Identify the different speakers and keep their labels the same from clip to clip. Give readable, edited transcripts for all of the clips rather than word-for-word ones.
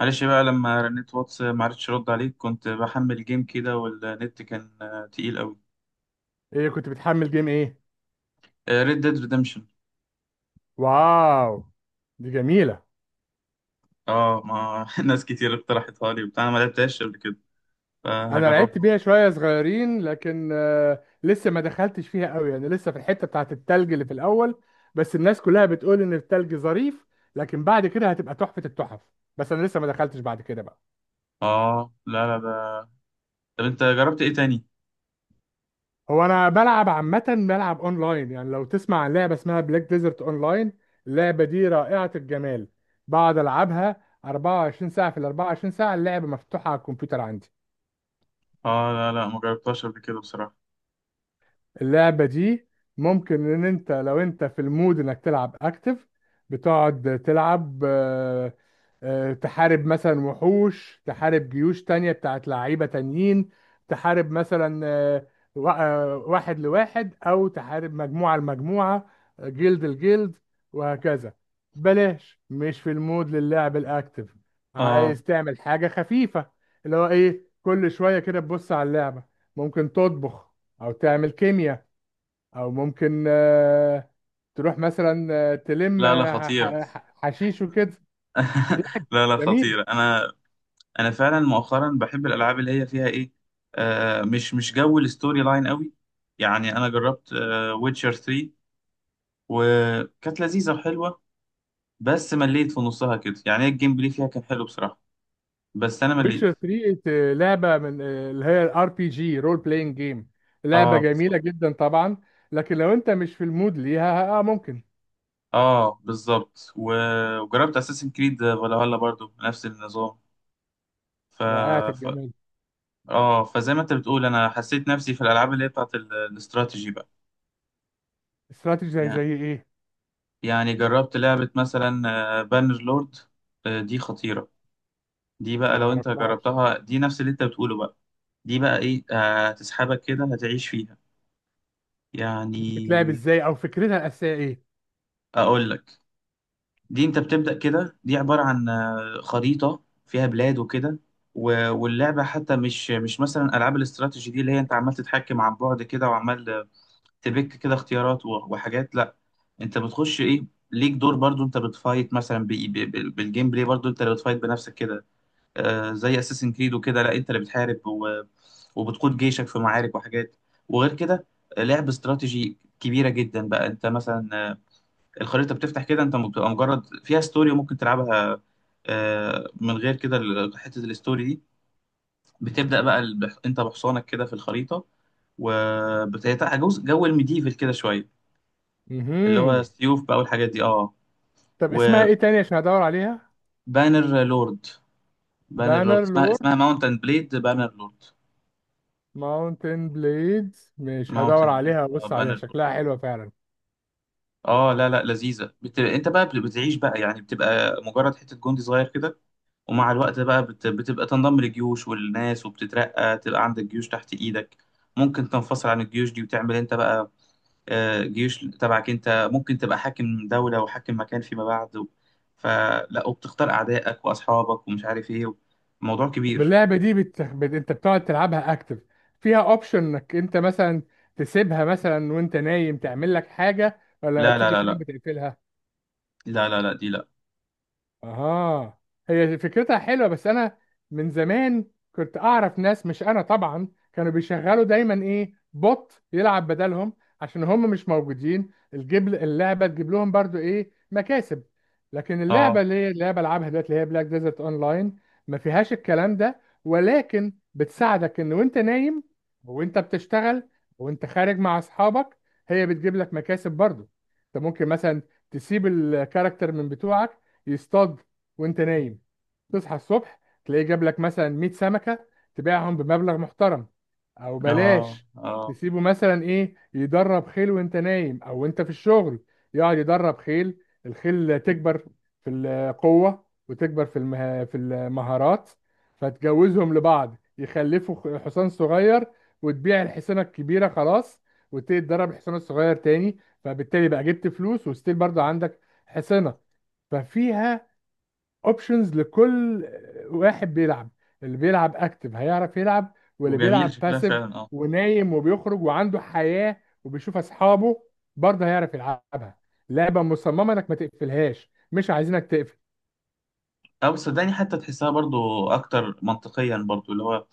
Speaker 1: معلش بقى لما رنيت واتس ما عرفتش ارد عليك. كنت بحمل جيم كده والنت كان تقيل قوي.
Speaker 2: ايه كنت بتحمل جيم ايه؟
Speaker 1: ريد ديد ريدمشن.
Speaker 2: واو، دي جميلة.
Speaker 1: اه Red Dead Redemption. آه، ما ناس كتير اقترحتها لي وبتاع، أنا ما لعبتهاش قبل كده
Speaker 2: انا
Speaker 1: فهجربها.
Speaker 2: لعبت بيها شوية صغيرين لكن لسه ما دخلتش فيها قوي، يعني لسه في الحتة بتاعت التلج اللي في الاول. بس الناس كلها بتقول ان التلج ظريف، لكن بعد كده هتبقى تحفة التحف. بس انا لسه ما دخلتش بعد كده بقى.
Speaker 1: اه، لا لا. ده طب انت جربت ايه تاني؟
Speaker 2: هو انا بلعب عامة بلعب اونلاين، يعني لو تسمع عن لعبة اسمها بلاك ديزرت اونلاين، اللعبة دي رائعة الجمال. بقعد العبها 24 ساعة في ال 24 ساعة، اللعبة مفتوحة على الكمبيوتر عندي.
Speaker 1: اه لا لا، ما جربتهاش قبل كده بصراحة.
Speaker 2: اللعبة دي ممكن ان انت لو انت في المود انك تلعب اكتف، بتقعد تلعب، تحارب مثلا وحوش، تحارب جيوش تانية بتاعت لعيبة تانيين. تحارب مثلا، واحد لواحد او تحارب مجموعة لمجموعة، جلد الجلد وهكذا. بلاش مش في المود للعب الاكتف،
Speaker 1: اه
Speaker 2: عايز تعمل حاجة خفيفة، اللي هو ايه، كل شوية كده تبص على اللعبة. ممكن تطبخ، او تعمل كيمياء، او ممكن تروح مثلا، تلم،
Speaker 1: لا لا، خطيرة.
Speaker 2: حشيش وكده يعني.
Speaker 1: لا لا
Speaker 2: جميل.
Speaker 1: خطيرة. انا فعلا مؤخرا بحب الالعاب اللي هي فيها ايه، آه مش جو الستوري لاين قوي. يعني انا جربت ويتشر 3 وكانت لذيذة وحلوة، بس مليت في نصها كده. يعني هي الجيم بلاي فيها كان حلو بصراحة، بس أنا مليت.
Speaker 2: ويتشر 3 لعبه من، اللي هي الار بي جي رول بلاينج جيم، لعبه
Speaker 1: اه بالظبط.
Speaker 2: جميله جدا طبعا. لكن لو انت مش في المود ليها، اه ممكن.
Speaker 1: اه بالظبط وجربت أساسن كريد فالهالا برضو نفس النظام ف...
Speaker 2: رائعه
Speaker 1: ف...
Speaker 2: الجمال.
Speaker 1: اه، فزي ما انت بتقول انا حسيت نفسي في الالعاب اللي هي بتاعت الاستراتيجي بقى.
Speaker 2: استراتيجي زي
Speaker 1: يعني
Speaker 2: زي ايه؟
Speaker 1: يعني جربت لعبة مثلا بانر لورد، دي خطيرة. دي بقى
Speaker 2: ما
Speaker 1: لو انت
Speaker 2: اعرفهاش.
Speaker 1: جربتها دي نفس اللي انت بتقوله بقى. دي بقى ايه، هتسحبك كده، هتعيش فيها
Speaker 2: دي
Speaker 1: يعني.
Speaker 2: بتتلعب ازاي، او فكرتها الاساسيه ايه؟
Speaker 1: اقول لك، دي انت بتبدأ كده، دي عبارة عن خريطة فيها بلاد وكده. واللعبة حتى مش مثلا ألعاب الاستراتيجي دي، اللي هي انت عمال تتحكم عن بعد كده وعمال تبك كده اختيارات وحاجات. لا، انت بتخش ايه، ليك دور برضو. انت بتفايت مثلا بالجيم بلاي، برضو انت اللي بتفايت بنفسك كده. زي اساسن كريد وكده. لا، انت اللي بتحارب وبتقود جيشك في معارك وحاجات. وغير كده لعب استراتيجي كبيرة جدا بقى. انت مثلا، الخريطة بتفتح كده، انت بتبقى مجرد فيها ستوري وممكن تلعبها من غير كده حتة الستوري دي. بتبدأ بقى انت بحصانك كده في الخريطة، وبتاع جزء جو الميديفل كده شوية. اللي هو
Speaker 2: مهم.
Speaker 1: السيوف بقى والحاجات دي، اه.
Speaker 2: طب اسمها ايه تاني عشان ادور عليها؟
Speaker 1: وبانر لورد، بانر لورد
Speaker 2: بانر
Speaker 1: اسمها
Speaker 2: لور،
Speaker 1: اسمها ماونتن بليد بانر لورد.
Speaker 2: ماونتن بليدز، مش هدور
Speaker 1: ماونتن بليد،
Speaker 2: عليها،
Speaker 1: اه
Speaker 2: بص عليها
Speaker 1: بانر لورد.
Speaker 2: شكلها حلوة فعلا.
Speaker 1: اه لا لا، لذيذة. بت... انت بقى بتعيش بقى يعني. بتبقى مجرد حتة جندي صغير كده، ومع الوقت بقى بتبقى تنضم لجيوش والناس وبتترقى، تبقى عندك جيوش تحت ايدك. ممكن تنفصل عن الجيوش دي وتعمل انت بقى جيوش تبعك انت. ممكن تبقى حاكم دولة وحاكم مكان فيما بعد و- فلا، وبتختار اعدائك واصحابك ومش عارف ايه. موضوع كبير.
Speaker 2: باللعبة دي انت بتقعد تلعبها اكتف، فيها اوبشن انك انت مثلا تسيبها مثلا وانت نايم، تعمل لك حاجة، ولا لما
Speaker 1: لا لا
Speaker 2: بتيجي
Speaker 1: لا
Speaker 2: تنام
Speaker 1: لا،
Speaker 2: بتقفلها؟
Speaker 1: لا لا لا دي لا.
Speaker 2: اها. هي فكرتها حلوه، بس انا من زمان كنت اعرف ناس، مش انا طبعا، كانوا بيشغلوا دايما ايه، بوت يلعب بدلهم، عشان هم مش موجودين، الجيب اللعبه تجيب لهم برضو ايه، مكاسب. لكن اللعبه
Speaker 1: اه
Speaker 2: اللي هي اللي بلعبها دلوقتي، اللي هي بلاك ديزرت لاين، ما فيهاش الكلام ده، ولكن بتساعدك ان وانت نايم، وانت بتشتغل، وانت خارج مع اصحابك، هي بتجيب لك مكاسب برضو. انت ممكن مثلا تسيب الكاركتر من بتوعك يصطاد وانت نايم، تصحى الصبح تلاقيه جاب لك مثلا 100 سمكة، تبيعهم بمبلغ محترم. او
Speaker 1: اه
Speaker 2: بلاش،
Speaker 1: اه،
Speaker 2: تسيبه مثلا ايه، يدرب خيل وانت نايم او انت في الشغل، يقعد يدرب خيل، الخيل تكبر في القوة، وتكبر في في المهارات، فتجوزهم لبعض يخلفوا حصان صغير، وتبيع الحصانة الكبيرة، خلاص، وتبتدي تدرب الحصان الصغير تاني، فبالتالي بقى جبت فلوس، وستيل برضه عندك حصانة. ففيها اوبشنز لكل واحد بيلعب، اللي بيلعب اكتف هيعرف يلعب، واللي
Speaker 1: وجميل
Speaker 2: بيلعب
Speaker 1: شكلها
Speaker 2: باسيف،
Speaker 1: فعلا اه.
Speaker 2: ونايم، وبيخرج، وعنده حياة، وبيشوف اصحابه، برضه هيعرف يلعبها. لعبة مصممة انك ما تقفلهاش، مش عايزينك تقفل.
Speaker 1: اه بس صدقني حتى تحسها برضو اكتر منطقيا برضو اللي هو،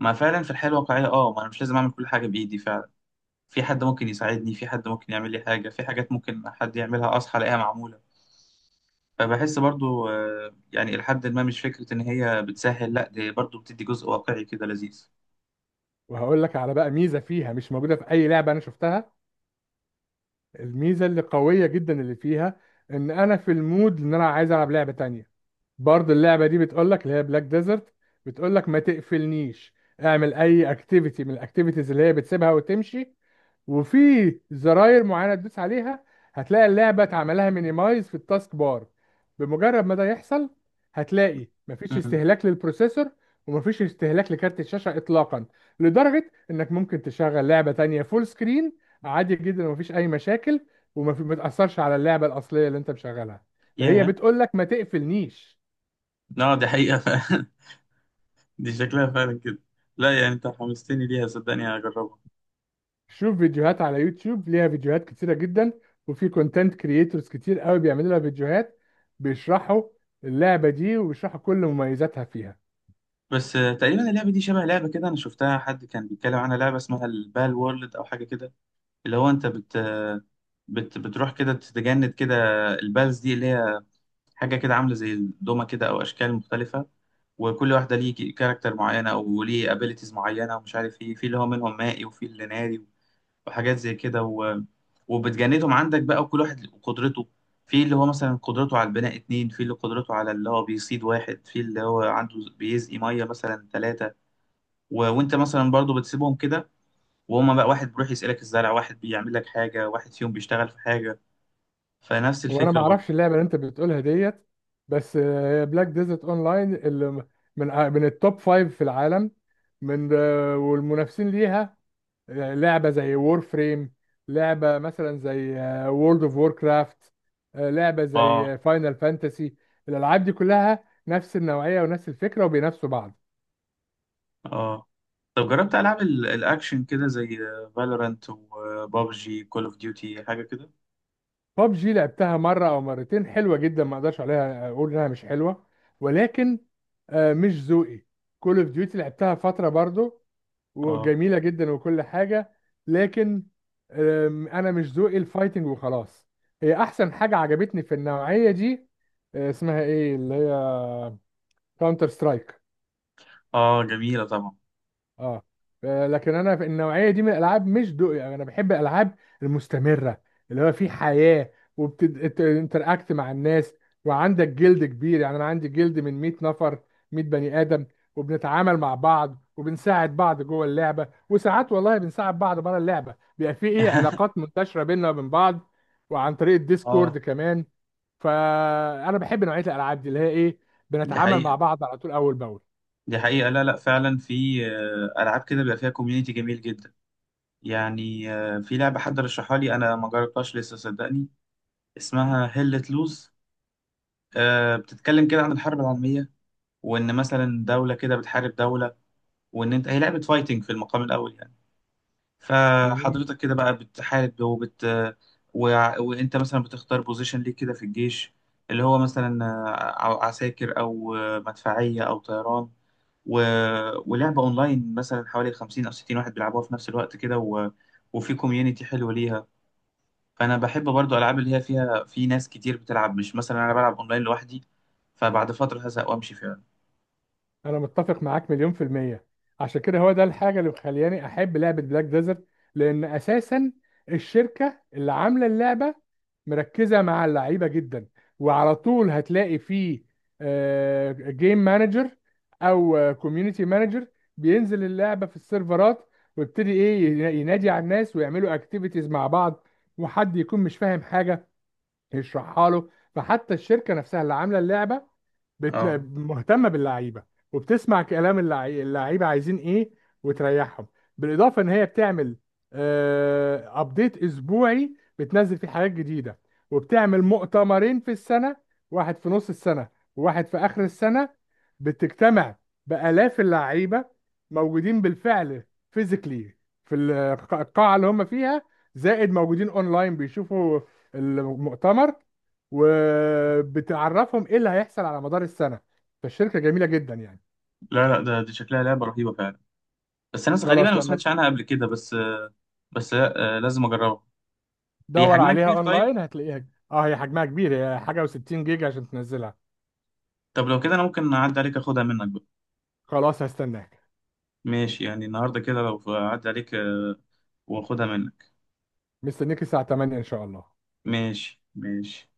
Speaker 1: ما فعلا في الحياة الواقعية، اه ما انا مش لازم اعمل كل حاجة بايدي فعلا. في حد ممكن يساعدني، في حد ممكن يعمل لي حاجة، في حاجات ممكن حد يعملها أصحى ألاقيها معمولة. فبحس برضو يعني لحد ما مش فكرة إن هي بتسهل، لأ دي برضو بتدي جزء واقعي كده لذيذ.
Speaker 2: وهقول لك على بقى ميزة فيها مش موجودة في اي لعبة انا شفتها، الميزة اللي قوية جدا اللي فيها، ان انا في المود ان انا عايز العب لعبة تانية، برضه اللعبه دي بتقول لك، اللي هي بلاك ديزرت، بتقول لك ما تقفلنيش، اعمل اي اكتيفيتي من الاكتيفيتيز اللي هي بتسيبها وتمشي، وفي زراير معينه تدوس عليها، هتلاقي اللعبه اتعملها مينيمايز في التاسك بار، بمجرد ما ده يحصل هتلاقي مفيش
Speaker 1: مم.
Speaker 2: استهلاك للبروسيسور، ومفيش استهلاك لكارت الشاشه اطلاقا، لدرجه انك ممكن تشغل لعبه تانية فول سكرين عادي جدا ومفيش اي مشاكل، ما تاثرش على اللعبه الاصليه اللي انت مشغلها، فهي
Speaker 1: ياه،
Speaker 2: بتقول لك ما تقفلنيش.
Speaker 1: لا دي حقيقة فعلا. دي شكلها فعلا كده. لا يعني أنت حمستني ليها صدقني، هجربها.
Speaker 2: شوف فيديوهات على يوتيوب، ليها فيديوهات كتيرة جدا، وفي كونتنت كريتورز كتير قوي بيعملوا لها فيديوهات، بيشرحوا اللعبة دي وبيشرحوا كل مميزاتها فيها.
Speaker 1: بس تقريبا اللعبة دي شبه لعبة كده أنا شفتها، حد كان بيتكلم عنها، لعبة اسمها البال وورلد أو حاجة كده. اللي هو أنت بت بت بتروح كده تتجند كده. البالز دي اللي هي حاجة كده عاملة زي الدومة كده أو أشكال مختلفة، وكل واحدة ليه كاركتر معينة أو ليه ابيليتيز معينة ومش عارف إيه. في اللي هو منهم مائي، وفي اللي ناري، وحاجات زي كده و... وبتجندهم عندك بقى. وكل واحد قدرته في اللي هو مثلا قدرته على البناء اتنين، في اللي قدرته على اللي هو بيصيد واحد، في اللي هو عنده بيسقي مية مثلا تلاتة. و... وأنت مثلا برضو بتسيبهم كده، وهما بقى واحد بيروح يسألك الزرع، واحد بيعمل لك حاجة، واحد فيهم بيشتغل في حاجة. فنفس
Speaker 2: هو انا ما
Speaker 1: الفكرة برضو.
Speaker 2: اعرفش اللعبة اللي انت بتقولها ديت، بس بلاك ديزرت اونلاين اللي من، من التوب فايف في العالم، من، والمنافسين ليها لعبة زي وور فريم، لعبة مثلا زي وورلد اوف وور كرافت، لعبة
Speaker 1: آه
Speaker 2: زي فاينل فانتسي، الألعاب دي كلها نفس النوعية ونفس الفكرة، وبينافسوا بعض.
Speaker 1: آه. طب جربت العاب الاكشن كده زي فالورانت وبابجي كول اوف ديوتي حاجه كده؟
Speaker 2: ببجي لعبتها مرة أو مرتين، حلوة جدا، ما أقدرش عليها، أقول إنها مش حلوة، ولكن مش ذوقي. كول اوف ديوتي لعبتها فترة برضو،
Speaker 1: اه
Speaker 2: وجميله جدا وكل حاجه، لكن انا مش ذوقي الفايتنج وخلاص. هي احسن حاجه عجبتني في النوعيه دي، اسمها ايه، اللي هي كاونتر سترايك.
Speaker 1: اه جميله طبعا.
Speaker 2: اه، لكن انا في النوعيه دي من الالعاب مش ذوقي، يعني انا بحب الالعاب المستمره اللي هو في حياه، وبتنتراكت مع الناس، وعندك جلد كبير. يعني انا عندي جلد من 100 نفر، 100 بني ادم، وبنتعامل مع بعض وبنساعد بعض جوه اللعبه، وساعات والله بنساعد بعض بره اللعبه، بيبقى في ايه علاقات منتشره بيننا وبين بعض، وعن طريق
Speaker 1: اه
Speaker 2: الديسكورد كمان. فانا بحب نوعيه الالعاب دي اللي هي ايه،
Speaker 1: دي
Speaker 2: بنتعامل مع
Speaker 1: حقيقه،
Speaker 2: بعض على طول اول
Speaker 1: دي حقيقه. لا لا فعلا في العاب كده بيبقى فيها كوميونتي جميل جدا. يعني في لعبه حد رشحها لي انا ما جربتهاش لسه صدقني، اسمها هيلة لوز. بتتكلم كده عن الحرب العالميه، وان مثلا دوله كده بتحارب دوله، وان انت هي لعبه فايتنج في المقام الاول يعني.
Speaker 2: باول.
Speaker 1: فحضرتك كده بقى بتحارب وبت و... وانت مثلا بتختار بوزيشن ليك كده في الجيش، اللي هو مثلا عساكر او مدفعية او طيران و... ولعبة اونلاين مثلا حوالي 50 او 60 واحد بيلعبوها في نفس الوقت كده و... وفي كوميونتي حلو ليها. فانا بحب برضو العاب اللي هي فيها في ناس كتير بتلعب، مش مثلا انا بلعب اونلاين لوحدي فبعد فترة هزهق وامشي فعلا.
Speaker 2: انا متفق معاك مليون في المية. عشان كده هو ده الحاجة اللي مخلياني احب لعبة بلاك ديزرت، لان اساسا الشركة اللي عاملة اللعبة مركزة مع اللعيبة جدا، وعلى طول هتلاقي فيه جيم مانجر او كوميونتي مانجر بينزل اللعبة في السيرفرات، ويبتدي ايه ينادي على الناس ويعملوا اكتيفيتيز مع بعض، وحد يكون مش فاهم حاجة يشرحها له. فحتى الشركة نفسها اللي عاملة اللعبة بت...
Speaker 1: اه
Speaker 2: مهتمه باللعيبه، وبتسمع كلام اللعيبه عايزين ايه وتريحهم، بالاضافه ان هي بتعمل ابديت اسبوعي بتنزل فيه حاجات جديده، وبتعمل مؤتمرين في السنه، واحد في نص السنه، وواحد في اخر السنه، بتجتمع بالاف اللعيبه موجودين بالفعل فيزيكلي في القاعه اللي هم فيها، زائد موجودين اونلاين بيشوفوا المؤتمر، وبتعرفهم ايه اللي هيحصل على مدار السنه. فالشركه جميله جدا يعني.
Speaker 1: لا لا ده، دي شكلها لعبة رهيبة فعلا، بس ناس غريبة أنا
Speaker 2: خلاص،
Speaker 1: ما
Speaker 2: لما
Speaker 1: سمعتش عنها قبل كده. بس بس لازم أجربها. هي
Speaker 2: تدور
Speaker 1: حجمها
Speaker 2: عليها
Speaker 1: كبير طيب؟
Speaker 2: اونلاين هتلاقيها. اه هي حجمها كبير، هي حاجه و60 جيجا عشان تنزلها.
Speaker 1: طب لو كده أنا ممكن أعدي عليك أخدها منك بقى.
Speaker 2: خلاص هستناك.
Speaker 1: ماشي، يعني النهاردة كده لو أعدي عليك وأخدها منك.
Speaker 2: مستنيك الساعه 8 ان شاء الله.
Speaker 1: ماشي ماشي.